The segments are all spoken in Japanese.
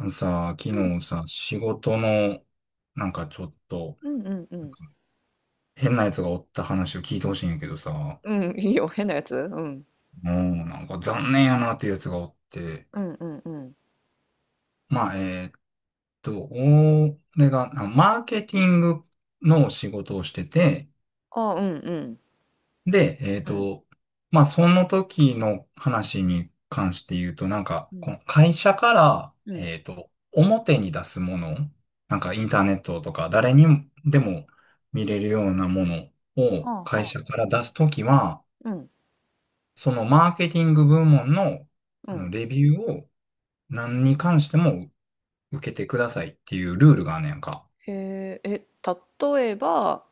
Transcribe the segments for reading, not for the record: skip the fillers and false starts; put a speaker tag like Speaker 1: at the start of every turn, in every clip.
Speaker 1: あのさ、昨
Speaker 2: うん。
Speaker 1: 日さ、仕事の、なんかちょっと、
Speaker 2: うんうんう
Speaker 1: なん
Speaker 2: ん。
Speaker 1: か変なやつがおった話を聞いてほしいんやけどさ、も
Speaker 2: うん、いいよ、変なやつ。うん。
Speaker 1: うなんか残念やなっていうやつがおって、
Speaker 2: うんうんうん。
Speaker 1: まあ、俺が、マーケティングの仕事をしてて、
Speaker 2: あ、うんうん。
Speaker 1: で、
Speaker 2: うん。
Speaker 1: まあ、その時の話に関して言うと、なんか、
Speaker 2: う
Speaker 1: こ
Speaker 2: ん。
Speaker 1: の会社から、
Speaker 2: うん。
Speaker 1: 表に出すもの、なんかインターネットとか誰にでも見れるようなものを
Speaker 2: はあ
Speaker 1: 会
Speaker 2: は
Speaker 1: 社
Speaker 2: あ。
Speaker 1: から出すときは、
Speaker 2: うん。
Speaker 1: そのマーケティング部門の、
Speaker 2: うん。
Speaker 1: レビューを何に関しても受けてくださいっていうルールがあんねやんか。
Speaker 2: へえ、例えば、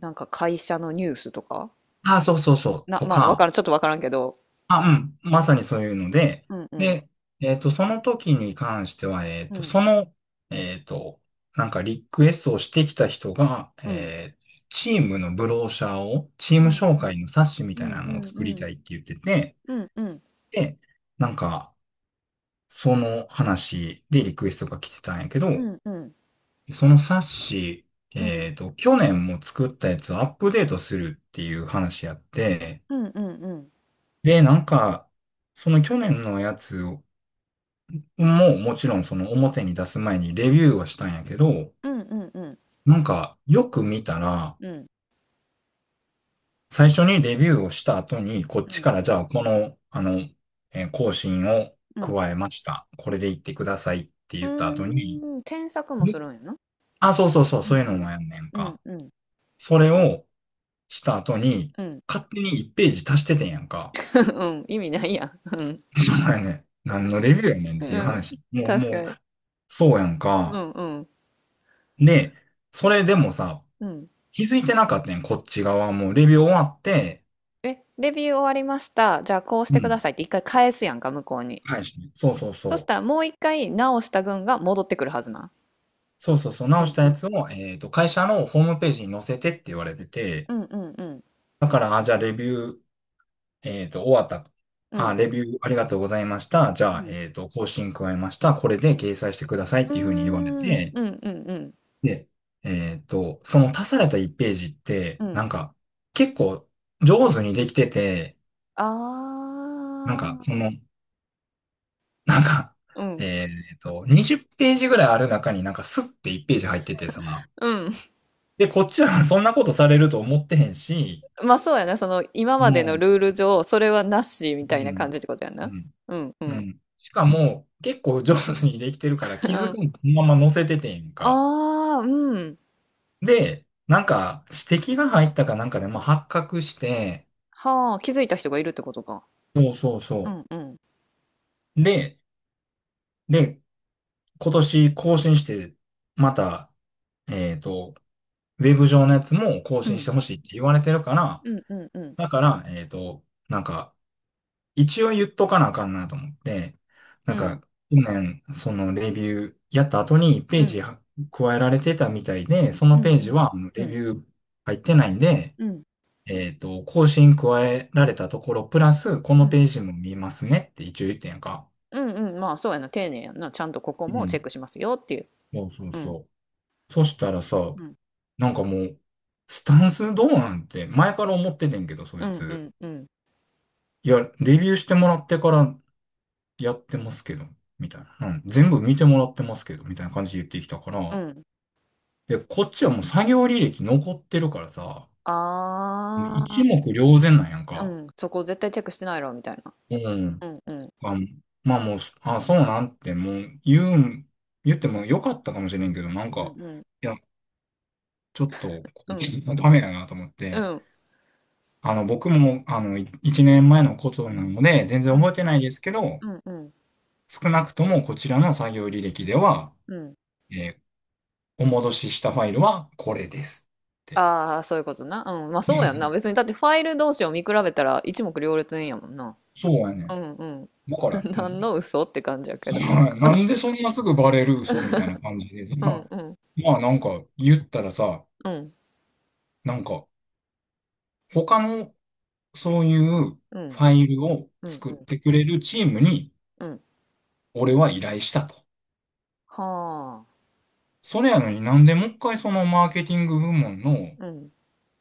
Speaker 2: なんか会社のニュースとか
Speaker 1: ああ、そうそうそう、
Speaker 2: な、
Speaker 1: と
Speaker 2: まあ、わか
Speaker 1: か、
Speaker 2: らん、ちょっとわからんけど。
Speaker 1: あ、
Speaker 2: う
Speaker 1: う
Speaker 2: ん。
Speaker 1: ん。まさにそういうので、
Speaker 2: うんうん。
Speaker 1: で、その時に関しては、
Speaker 2: うん。
Speaker 1: その、えっと、なんかリクエストをしてきた人が、
Speaker 2: うん。
Speaker 1: チームのブローシャーを、チー
Speaker 2: う
Speaker 1: ム
Speaker 2: んう
Speaker 1: 紹
Speaker 2: ん。
Speaker 1: 介の冊子み
Speaker 2: う
Speaker 1: たい
Speaker 2: ん
Speaker 1: な
Speaker 2: う
Speaker 1: のを
Speaker 2: ん
Speaker 1: 作り
Speaker 2: うん。
Speaker 1: たいって言ってて、
Speaker 2: うんうん。
Speaker 1: で、なんか、その話でリクエストが来てたんやけ
Speaker 2: う
Speaker 1: ど、
Speaker 2: んうん。
Speaker 1: その冊子、
Speaker 2: うん
Speaker 1: 去年も作ったやつをアップデートするっていう話やって、
Speaker 2: うんうん。
Speaker 1: で、なんか、その去年のやつもうもちろんその表に出す前にレビューはしたんやけど、
Speaker 2: うんうんうん。
Speaker 1: なんかよく見たら、
Speaker 2: うん。
Speaker 1: 最初にレビューをした後に、こっ
Speaker 2: う
Speaker 1: ち
Speaker 2: ん。
Speaker 1: からじゃあこの、更新を
Speaker 2: うん。
Speaker 1: 加えました。これで言ってくださいって
Speaker 2: う
Speaker 1: 言った後に、
Speaker 2: ーん、添削も
Speaker 1: え
Speaker 2: するんやな。
Speaker 1: そうそうそう、
Speaker 2: う
Speaker 1: そう
Speaker 2: ん
Speaker 1: いう
Speaker 2: う
Speaker 1: の
Speaker 2: ん。
Speaker 1: もやんねん
Speaker 2: うん
Speaker 1: か。
Speaker 2: うん。
Speaker 1: それをした後に、
Speaker 2: うん。
Speaker 1: 勝手に1ページ足しててんやんか。
Speaker 2: うん、意味ないやん。うん、
Speaker 1: そうやねん。何のレビューやねんって
Speaker 2: う
Speaker 1: いう
Speaker 2: ん、
Speaker 1: 話。もう、も
Speaker 2: 確か
Speaker 1: う、
Speaker 2: に。
Speaker 1: そうやん
Speaker 2: う
Speaker 1: か。
Speaker 2: んうん、
Speaker 1: で、それでもさ、
Speaker 2: うん。
Speaker 1: 気づいてなかったね、こっち側も。レビュー終わって、
Speaker 2: え、レビュー終わりました。じゃあこうし
Speaker 1: う
Speaker 2: てくだ
Speaker 1: ん。
Speaker 2: さいって一回返すやんか、向こうに。
Speaker 1: はい。そうそう
Speaker 2: そし
Speaker 1: そ
Speaker 2: たら
Speaker 1: う。
Speaker 2: もう一回直した群が戻ってくるはずな。
Speaker 1: そうそうそう。直したやつを、会社のホームページに載せてって言われて
Speaker 2: う
Speaker 1: て、
Speaker 2: んうんうん
Speaker 1: だから、あ、じゃあレビュー、終わった。
Speaker 2: う
Speaker 1: あ、
Speaker 2: ん
Speaker 1: レビューありがとうございました。じ
Speaker 2: うん
Speaker 1: ゃあ、
Speaker 2: うん。
Speaker 1: 更新加えました。これ
Speaker 2: う
Speaker 1: で
Speaker 2: ん
Speaker 1: 掲載してくださいっ
Speaker 2: う
Speaker 1: ていうふうに言われ
Speaker 2: んうーん、
Speaker 1: て、
Speaker 2: うんうんうん
Speaker 1: で、その足された1ページっ
Speaker 2: う
Speaker 1: て、な
Speaker 2: ん。
Speaker 1: んか、結構上手にできてて、
Speaker 2: あ
Speaker 1: なんか、そ
Speaker 2: あ。
Speaker 1: の、なんか、
Speaker 2: うん。
Speaker 1: 20ページぐらいある中になんかスッて1ページ入っててさ、
Speaker 2: うん。
Speaker 1: で、こっちは そんなことされると思ってへんし、
Speaker 2: まあそうやな、その今までの
Speaker 1: も
Speaker 2: ルール上、それはなしみ
Speaker 1: う、
Speaker 2: た
Speaker 1: う
Speaker 2: いな感
Speaker 1: ん、
Speaker 2: じってことや
Speaker 1: う
Speaker 2: な。
Speaker 1: ん、
Speaker 2: うんう
Speaker 1: う
Speaker 2: ん。
Speaker 1: ん。しかも、結構上手にできてるから気
Speaker 2: う
Speaker 1: づ
Speaker 2: ん。
Speaker 1: くんそのまま載せててんか。
Speaker 2: ああ、うん。
Speaker 1: で、なんか指摘が入ったかなんかで、まあ、発覚して、
Speaker 2: はあ、気づいた人がいるってことか。
Speaker 1: そうそう
Speaker 2: う
Speaker 1: そ
Speaker 2: んうん。
Speaker 1: う。で、で、今年更新して、また、えーっと、ウェブ上のやつも更
Speaker 2: う
Speaker 1: 新し
Speaker 2: ん。
Speaker 1: てほしいって言われてるから、
Speaker 2: うんうんうん。
Speaker 1: だから、なんか、一応言っとかなあかんなと思って、
Speaker 2: う
Speaker 1: なんか、
Speaker 2: ん。
Speaker 1: 去年、そのレビューやった後にペ
Speaker 2: う
Speaker 1: ージ
Speaker 2: ん。
Speaker 1: は加えられてたみたいで、そ
Speaker 2: う
Speaker 1: の
Speaker 2: んう
Speaker 1: ページ
Speaker 2: ん。
Speaker 1: はあの
Speaker 2: う
Speaker 1: レ
Speaker 2: ん。
Speaker 1: ビュー入ってないんで、
Speaker 2: うん。
Speaker 1: 更新加えられたところ、プラス、このページも見ますねって一応言ってんやんか。
Speaker 2: うんうんうん。まあ、そうやな。丁寧やな。ちゃんとここ
Speaker 1: う
Speaker 2: もチェ
Speaker 1: ん。
Speaker 2: ックしますよっていう。
Speaker 1: そうそう
Speaker 2: うん。
Speaker 1: そう。そしたらさ、
Speaker 2: うん。
Speaker 1: なんかもう、スタンスどうなんて前から思っててんけど、そ
Speaker 2: う
Speaker 1: い
Speaker 2: んう
Speaker 1: つ。
Speaker 2: んうん。
Speaker 1: いや、レビューしてもらってからやってますけど、みたいな。うん。全部見てもらってますけど、みたいな感じで言ってきたか
Speaker 2: う
Speaker 1: ら。
Speaker 2: ん。
Speaker 1: で、こっちはもう作業履歴残ってるからさ、
Speaker 2: あ
Speaker 1: 一
Speaker 2: あ。
Speaker 1: 目瞭然なんやん
Speaker 2: う
Speaker 1: か。
Speaker 2: ん。そこ絶対チェックしてないろ、みたいな。
Speaker 1: うん。
Speaker 2: うんうん。
Speaker 1: あ、まあもう、あ、そうなんてもう言うん、言ってもよかったかもしれんけど、なん
Speaker 2: うん
Speaker 1: か、
Speaker 2: うん。
Speaker 1: いや、ちょっと、こ
Speaker 2: う
Speaker 1: い
Speaker 2: ん。
Speaker 1: つダメだなと思っ
Speaker 2: う
Speaker 1: て、
Speaker 2: ん。
Speaker 1: 僕も、一年前のことなので、全
Speaker 2: う
Speaker 1: 然覚え
Speaker 2: ん。
Speaker 1: てないですけど、
Speaker 2: うんうん。
Speaker 1: 少なくともこちらの作業履歴では、
Speaker 2: うん。
Speaker 1: えーお戻ししたファイルはこれですって。
Speaker 2: ああ、そういうことな。うん。まあ、そうやんな。別に、だってファイル同士を見比べたら一目瞭然やもんな。
Speaker 1: そうや
Speaker 2: う
Speaker 1: ね
Speaker 2: ん
Speaker 1: だか
Speaker 2: う
Speaker 1: ら、
Speaker 2: ん。何の嘘って感じやけど。
Speaker 1: うん、
Speaker 2: うん。
Speaker 1: なんでそんなすぐバレる嘘みたい な感じで。
Speaker 2: う
Speaker 1: ま
Speaker 2: ん。
Speaker 1: あ、
Speaker 2: うん
Speaker 1: まあなんか言ったらさ、
Speaker 2: うん
Speaker 1: なんか他のそういう
Speaker 2: う
Speaker 1: フ
Speaker 2: ん
Speaker 1: ァイルを
Speaker 2: うん
Speaker 1: 作
Speaker 2: う
Speaker 1: っ
Speaker 2: ん
Speaker 1: てくれるチームに
Speaker 2: うん。
Speaker 1: 俺は依頼したと。
Speaker 2: はあ。
Speaker 1: それやのになんでもう一回そのマーケティング部門の
Speaker 2: うん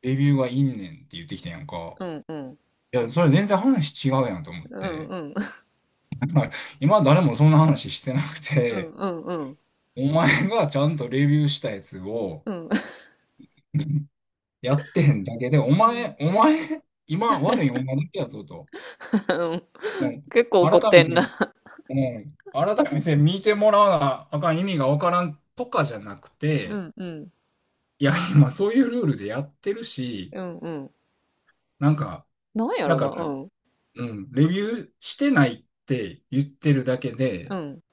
Speaker 1: レビューがいんねんって言ってきたやんか。
Speaker 2: うんうん
Speaker 1: いや、それ全然話違うやんと思っ
Speaker 2: うん
Speaker 1: て。
Speaker 2: うんうん
Speaker 1: 今誰もそんな話してなく
Speaker 2: うん
Speaker 1: て、
Speaker 2: うん
Speaker 1: お前がちゃんとレビューしたやつを
Speaker 2: うん
Speaker 1: やってへんだけで、お
Speaker 2: うん
Speaker 1: 前、お前、今悪いお前だけやぞと。
Speaker 2: うん。
Speaker 1: も
Speaker 2: 結構怒
Speaker 1: う、
Speaker 2: っ
Speaker 1: 改
Speaker 2: て
Speaker 1: め
Speaker 2: ん
Speaker 1: て、
Speaker 2: な。
Speaker 1: もう、改めて見てもらわなあかん意味がわからんとかじゃなく
Speaker 2: う
Speaker 1: て、
Speaker 2: んうん
Speaker 1: いや、今そういうルールでやってるし、
Speaker 2: うん。うん。
Speaker 1: なんか、
Speaker 2: なんや
Speaker 1: だ
Speaker 2: ろ
Speaker 1: か
Speaker 2: な。
Speaker 1: ら、
Speaker 2: うん
Speaker 1: うん、レビューしてないって言ってるだけ
Speaker 2: う
Speaker 1: で、
Speaker 2: ん。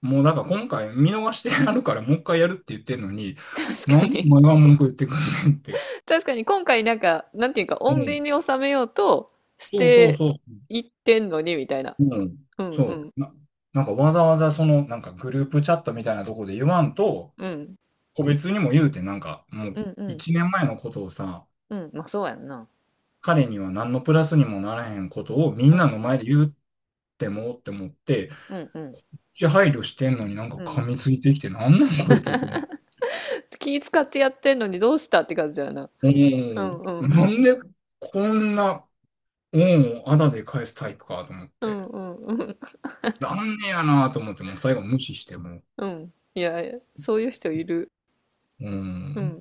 Speaker 1: もうだから今回見逃してやるからもう一回やるって言ってるのに、
Speaker 2: 確
Speaker 1: な
Speaker 2: か
Speaker 1: んでお
Speaker 2: に。
Speaker 1: 前が文句言ってくんねんって。
Speaker 2: 確かに今回なんかなんていうか
Speaker 1: う
Speaker 2: 穏便
Speaker 1: ん。
Speaker 2: に収めようとし
Speaker 1: そうそう
Speaker 2: て
Speaker 1: そう。
Speaker 2: いってんのにみたいな。
Speaker 1: うん。
Speaker 2: うんう
Speaker 1: そ
Speaker 2: ん
Speaker 1: う。な、なんかわざわざその、なんかグループチャットみたいなとこで言わんと、
Speaker 2: うん
Speaker 1: 個別にも言うて、なんかも
Speaker 2: う
Speaker 1: う
Speaker 2: んうん
Speaker 1: 一年前のことをさ、
Speaker 2: うん。まあそうやんな。
Speaker 1: 彼には何のプラスにもならへんことをみ
Speaker 2: う
Speaker 1: ん
Speaker 2: ん
Speaker 1: なの
Speaker 2: う
Speaker 1: 前
Speaker 2: ん
Speaker 1: で言うってもって思って、
Speaker 2: うんうん
Speaker 1: いや、配慮してんのになんか
Speaker 2: うん。
Speaker 1: 噛みついてきて、なんなんこいつって思う。
Speaker 2: 気使ってやってんのにどうしたって感じやな。
Speaker 1: う
Speaker 2: う
Speaker 1: ん。
Speaker 2: んうん。
Speaker 1: なんでこんな、恩をあだで返すタイプかと思っ
Speaker 2: う
Speaker 1: て。
Speaker 2: んうんうん。
Speaker 1: 残念やなと思って、もう最後無視してもう。
Speaker 2: うん。いやいや、そういう人いる。
Speaker 1: う
Speaker 2: うん
Speaker 1: ん。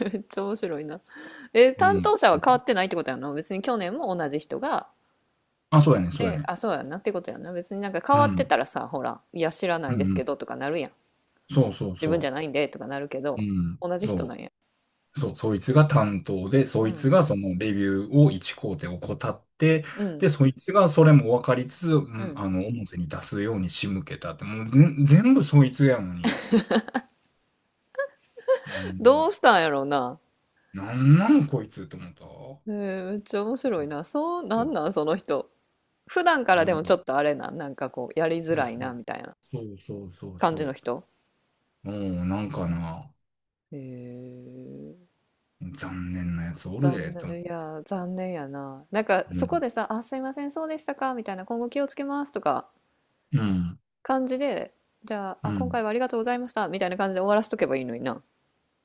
Speaker 2: うん。めっちゃ面白いな。え、
Speaker 1: う
Speaker 2: 担
Speaker 1: ん。
Speaker 2: 当者は変わってないってことやな。別に去年も同じ人が。
Speaker 1: あ、そうやね、そうや
Speaker 2: で、
Speaker 1: ね。
Speaker 2: あ、そうやなってことやな。別になんか変
Speaker 1: う
Speaker 2: わって
Speaker 1: ん。
Speaker 2: たらさ、ほら、いや、知らな
Speaker 1: う
Speaker 2: いです
Speaker 1: んう
Speaker 2: け
Speaker 1: ん。
Speaker 2: どとかなるやん。
Speaker 1: そうそう
Speaker 2: 自分じ
Speaker 1: そ
Speaker 2: ゃないんでとかなるけ
Speaker 1: う
Speaker 2: ど、
Speaker 1: うん。
Speaker 2: 同じ人な
Speaker 1: そ
Speaker 2: んや。
Speaker 1: う。そう、そいつが担当で、そ
Speaker 2: う
Speaker 1: いつ
Speaker 2: ん。
Speaker 1: がそのレビューを一工程怠って、
Speaker 2: うん。
Speaker 1: で、そいつがそれも分かりつつ、う
Speaker 2: う
Speaker 1: ん、
Speaker 2: ん。
Speaker 1: 表に出すように仕向けたって、もう全部そいつやのに、うん
Speaker 2: どうしたんやろうな。
Speaker 1: なんなんこいつって思った
Speaker 2: えー、めっちゃ面
Speaker 1: う
Speaker 2: 白い
Speaker 1: ん
Speaker 2: な。そう、な
Speaker 1: そう。い
Speaker 2: んなん、その人。普段か
Speaker 1: や、
Speaker 2: ら
Speaker 1: う
Speaker 2: で
Speaker 1: んい
Speaker 2: もちょっとあれな、なんかこう、やりづ
Speaker 1: や、
Speaker 2: ら
Speaker 1: そ
Speaker 2: いな、
Speaker 1: う。
Speaker 2: みたいな
Speaker 1: そうそうそう
Speaker 2: 感じの
Speaker 1: そ
Speaker 2: 人。
Speaker 1: う。もう、なんかな、
Speaker 2: へえ、
Speaker 1: 残念なやつおる
Speaker 2: 残
Speaker 1: で、と思う。
Speaker 2: 念、いや、残念やな。なんか、
Speaker 1: う
Speaker 2: そこ
Speaker 1: ん。
Speaker 2: でさ、あ、すいません、そうでしたか、みたいな、今後気をつけます、とか、
Speaker 1: うん。
Speaker 2: 感じで、じゃあ、
Speaker 1: う
Speaker 2: あ、今
Speaker 1: ん。
Speaker 2: 回はありがとうございました、みたいな感じで終わらしとけばいいのにな。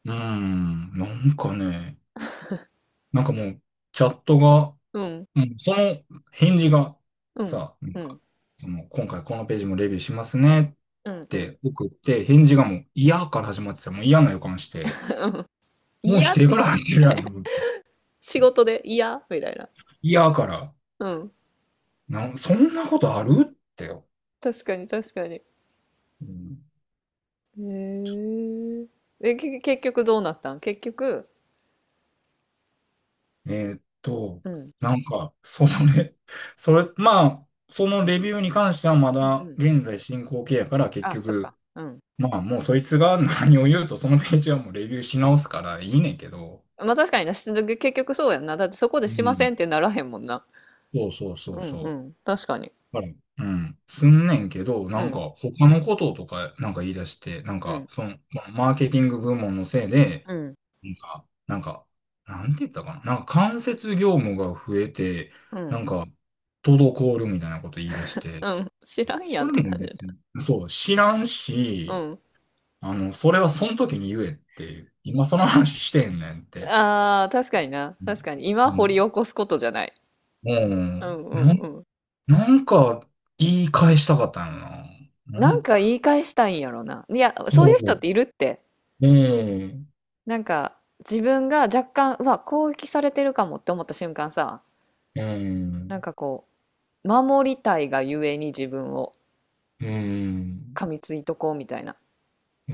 Speaker 1: うん。なんかね、なんかもう、チャットが、も
Speaker 2: うん、
Speaker 1: うその返事が
Speaker 2: うん、
Speaker 1: さ、なん
Speaker 2: う
Speaker 1: か、
Speaker 2: ん、
Speaker 1: その、今回このページもレビューしますね
Speaker 2: うん、
Speaker 1: っ
Speaker 2: うん。
Speaker 1: て送って、返事がもう嫌から始まってた。もう嫌な予感して、もう否
Speaker 2: やっ
Speaker 1: 定
Speaker 2: て
Speaker 1: から
Speaker 2: いう。
Speaker 1: 入ってるやんと思って。
Speaker 2: 仕事でいやみたいな。
Speaker 1: 嫌から、
Speaker 2: うん。
Speaker 1: そんなことあるってよ。
Speaker 2: 確かに、確かに。へ
Speaker 1: うん、
Speaker 2: え。結局どうなったん結局。
Speaker 1: えーっと、
Speaker 2: うん、
Speaker 1: なんか、そのね、それ、まあ、そのレビューに関してはま
Speaker 2: うん、
Speaker 1: だ
Speaker 2: うん。
Speaker 1: 現在進行形やから結
Speaker 2: あ、そっか。
Speaker 1: 局、
Speaker 2: うん。
Speaker 1: まあもうそいつが何を言うとそのページはもうレビューし直すからいいねんけど、
Speaker 2: まあ確かにな、結局そうやんな。だってそこで
Speaker 1: う
Speaker 2: しません
Speaker 1: ん。
Speaker 2: ってならへんもんな。
Speaker 1: そうそうそ
Speaker 2: う
Speaker 1: う
Speaker 2: んう
Speaker 1: そ
Speaker 2: ん、確かに。
Speaker 1: う。はいうん。すんねんけど、
Speaker 2: う
Speaker 1: なんか
Speaker 2: ん、
Speaker 1: 他のこととかなんか言い出して、なん
Speaker 2: う
Speaker 1: か
Speaker 2: ん、
Speaker 1: その、このマーケティング部門のせいで、
Speaker 2: うん、
Speaker 1: なんか、なんか、なんて言ったかな。なんか間接業務が増えて、
Speaker 2: う
Speaker 1: な
Speaker 2: ん、
Speaker 1: んか、滞るみたいなこと言い出して、
Speaker 2: うん、知らんや
Speaker 1: そ
Speaker 2: んっ
Speaker 1: れ
Speaker 2: て
Speaker 1: も
Speaker 2: 感じ
Speaker 1: 別
Speaker 2: だ。
Speaker 1: に、そう、知らん
Speaker 2: う
Speaker 1: し、
Speaker 2: ん。
Speaker 1: それはその時に言えっていう、今その話してんねんって。
Speaker 2: ああ、確かにな。
Speaker 1: うん。
Speaker 2: 確かに。今
Speaker 1: う
Speaker 2: 掘り
Speaker 1: ん。
Speaker 2: 起こすことじゃない。うんうん
Speaker 1: なん、
Speaker 2: うん。
Speaker 1: なんか、言い返したかったのな。な
Speaker 2: なん
Speaker 1: ん、
Speaker 2: か言い返したいんやろな。いや、そう
Speaker 1: そ
Speaker 2: いう人っ
Speaker 1: う。
Speaker 2: ているって。
Speaker 1: うん。
Speaker 2: なんか、自分が若干、うわ、攻撃されてるかもって思った瞬間さ、
Speaker 1: う
Speaker 2: なん
Speaker 1: ん。
Speaker 2: かこう、守りたいがゆえに自分を
Speaker 1: うん。
Speaker 2: 噛みついとこうみたいな
Speaker 1: う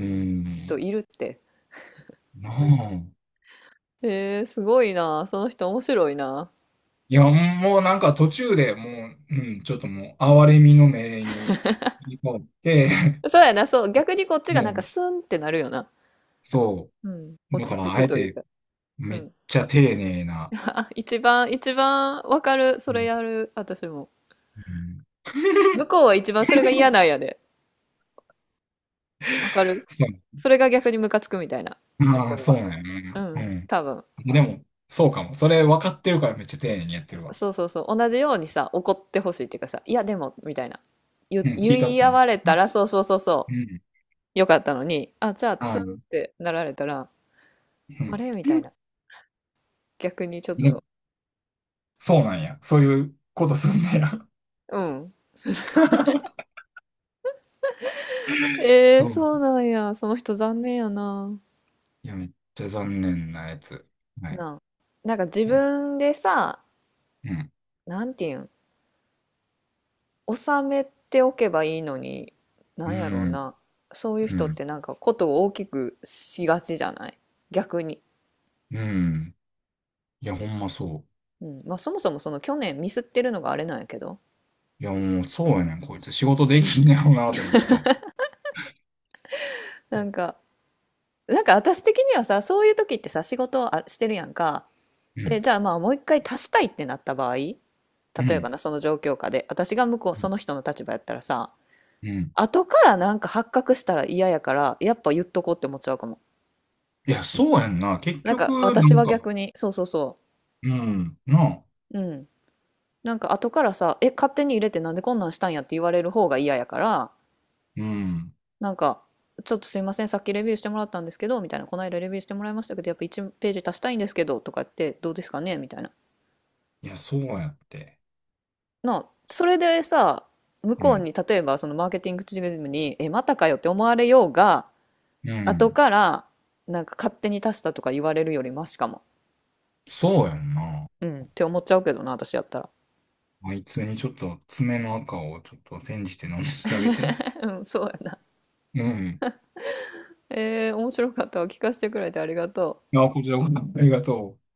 Speaker 2: 人
Speaker 1: ん。
Speaker 2: いるって。
Speaker 1: なあ。
Speaker 2: えー、すごいな。その人面白いな。
Speaker 1: いや、もうなんか途中でもう、うん、ちょっともう、哀れみの目に、切り替わって、
Speaker 2: そうやな、そう。逆にこっ ちが
Speaker 1: も
Speaker 2: なんか
Speaker 1: う、
Speaker 2: スンってなるよな。
Speaker 1: そ
Speaker 2: うん。
Speaker 1: う。だ
Speaker 2: 落ち
Speaker 1: か
Speaker 2: 着
Speaker 1: ら、あ
Speaker 2: く
Speaker 1: え
Speaker 2: という
Speaker 1: て、
Speaker 2: か。う
Speaker 1: めっ
Speaker 2: ん。
Speaker 1: ちゃ丁寧な、
Speaker 2: あ、一番、一番わかる。そ
Speaker 1: う
Speaker 2: れ
Speaker 1: ん。
Speaker 2: やる。私も。
Speaker 1: うん
Speaker 2: 向こうは一番それが嫌なんやで。わかる。
Speaker 1: そう。
Speaker 2: それが逆にムカつくみたいな。向
Speaker 1: あ
Speaker 2: こ
Speaker 1: あ、
Speaker 2: う
Speaker 1: そ
Speaker 2: は。
Speaker 1: うなんや
Speaker 2: う
Speaker 1: ね
Speaker 2: ん。多
Speaker 1: う
Speaker 2: 分。
Speaker 1: ん。でも、そうかも。それ分かってるからめっちゃ丁寧にやってるわ。
Speaker 2: そうそうそう。同じようにさ、怒ってほしいっていうかさ、いやでも、みたいな。言、
Speaker 1: うん、ヒートア
Speaker 2: 言
Speaker 1: ッ
Speaker 2: い
Speaker 1: プ
Speaker 2: 合わ
Speaker 1: ね。
Speaker 2: れた
Speaker 1: な
Speaker 2: ら、そうそうそうそ
Speaker 1: うん。
Speaker 2: う。よかったのに、あ、じゃあ、ス
Speaker 1: あ
Speaker 2: ンっ
Speaker 1: の、
Speaker 2: てなられたら、
Speaker 1: う
Speaker 2: あ
Speaker 1: ん。
Speaker 2: れみたいな。逆にちょっ
Speaker 1: ね
Speaker 2: と。
Speaker 1: そうなんや。そういうことすんだや。
Speaker 2: うん。えー、
Speaker 1: そう。
Speaker 2: そうなんや。その人残念やな。
Speaker 1: いや、めっちゃ残念なやつ。はい。
Speaker 2: なあ。なんか自
Speaker 1: うん。
Speaker 2: 分でさ、
Speaker 1: うん。
Speaker 2: なんていうん、収めておけばいいのに、なんやろうな。そういう
Speaker 1: う
Speaker 2: 人っ
Speaker 1: ん。
Speaker 2: てなんかことを大きくしがちじゃない、逆に。
Speaker 1: うん。いや、ほんまそ
Speaker 2: うん。まあそもそもその去年ミスってるのがあれなんやけど。
Speaker 1: う。いや、もうそうやねん、こいつ。仕事できんねやろうなと思ったわ。
Speaker 2: なんか、なんか私的にはさ、そういう時ってさ、仕事をしてるやんか。
Speaker 1: う
Speaker 2: で、
Speaker 1: ん。
Speaker 2: じゃあまあもう一回足したいってなった場合、例
Speaker 1: う
Speaker 2: えば
Speaker 1: ん。
Speaker 2: な、その状況下で、私が向こう、
Speaker 1: う
Speaker 2: そ
Speaker 1: ん。
Speaker 2: の人の立場やったらさ、
Speaker 1: うん
Speaker 2: 後からなんか発覚したら嫌やから、やっぱ言っとこうって思っちゃうかも。
Speaker 1: いや、そうやんな。結
Speaker 2: なんか
Speaker 1: 局、な
Speaker 2: 私
Speaker 1: ん
Speaker 2: は
Speaker 1: か、
Speaker 2: 逆に、そうそうそ
Speaker 1: うん。なあ。
Speaker 2: う。うん。なんか後からさ、え、勝手に入れてなんでこんなんしたんやって言われる方が嫌やから、
Speaker 1: うん。
Speaker 2: なんか、ちょっとすいません、さっきレビューしてもらったんですけど、みたいな、この間レビューしてもらいましたけど、やっぱ1ページ足したいんですけど、とかって、どうですかねみたいな。
Speaker 1: いや、そうやって。
Speaker 2: な、それでさ、向
Speaker 1: う
Speaker 2: こう
Speaker 1: ん。
Speaker 2: に、例えばそのマーケティングチームに、え、またかよって思われようが、
Speaker 1: う
Speaker 2: 後
Speaker 1: ん。
Speaker 2: から、なんか勝手に足したとか言われるよりマシかも。
Speaker 1: そうやんな。
Speaker 2: うん、って思っちゃうけどな、私やったら。
Speaker 1: あいつにちょっと爪の赤をちょっと煎じて飲ませてあげて。
Speaker 2: うん、そうやな。
Speaker 1: うん。
Speaker 2: えー、面白かったわ。聞かせてくれてありがとう。
Speaker 1: あ、こちらこそありがとう。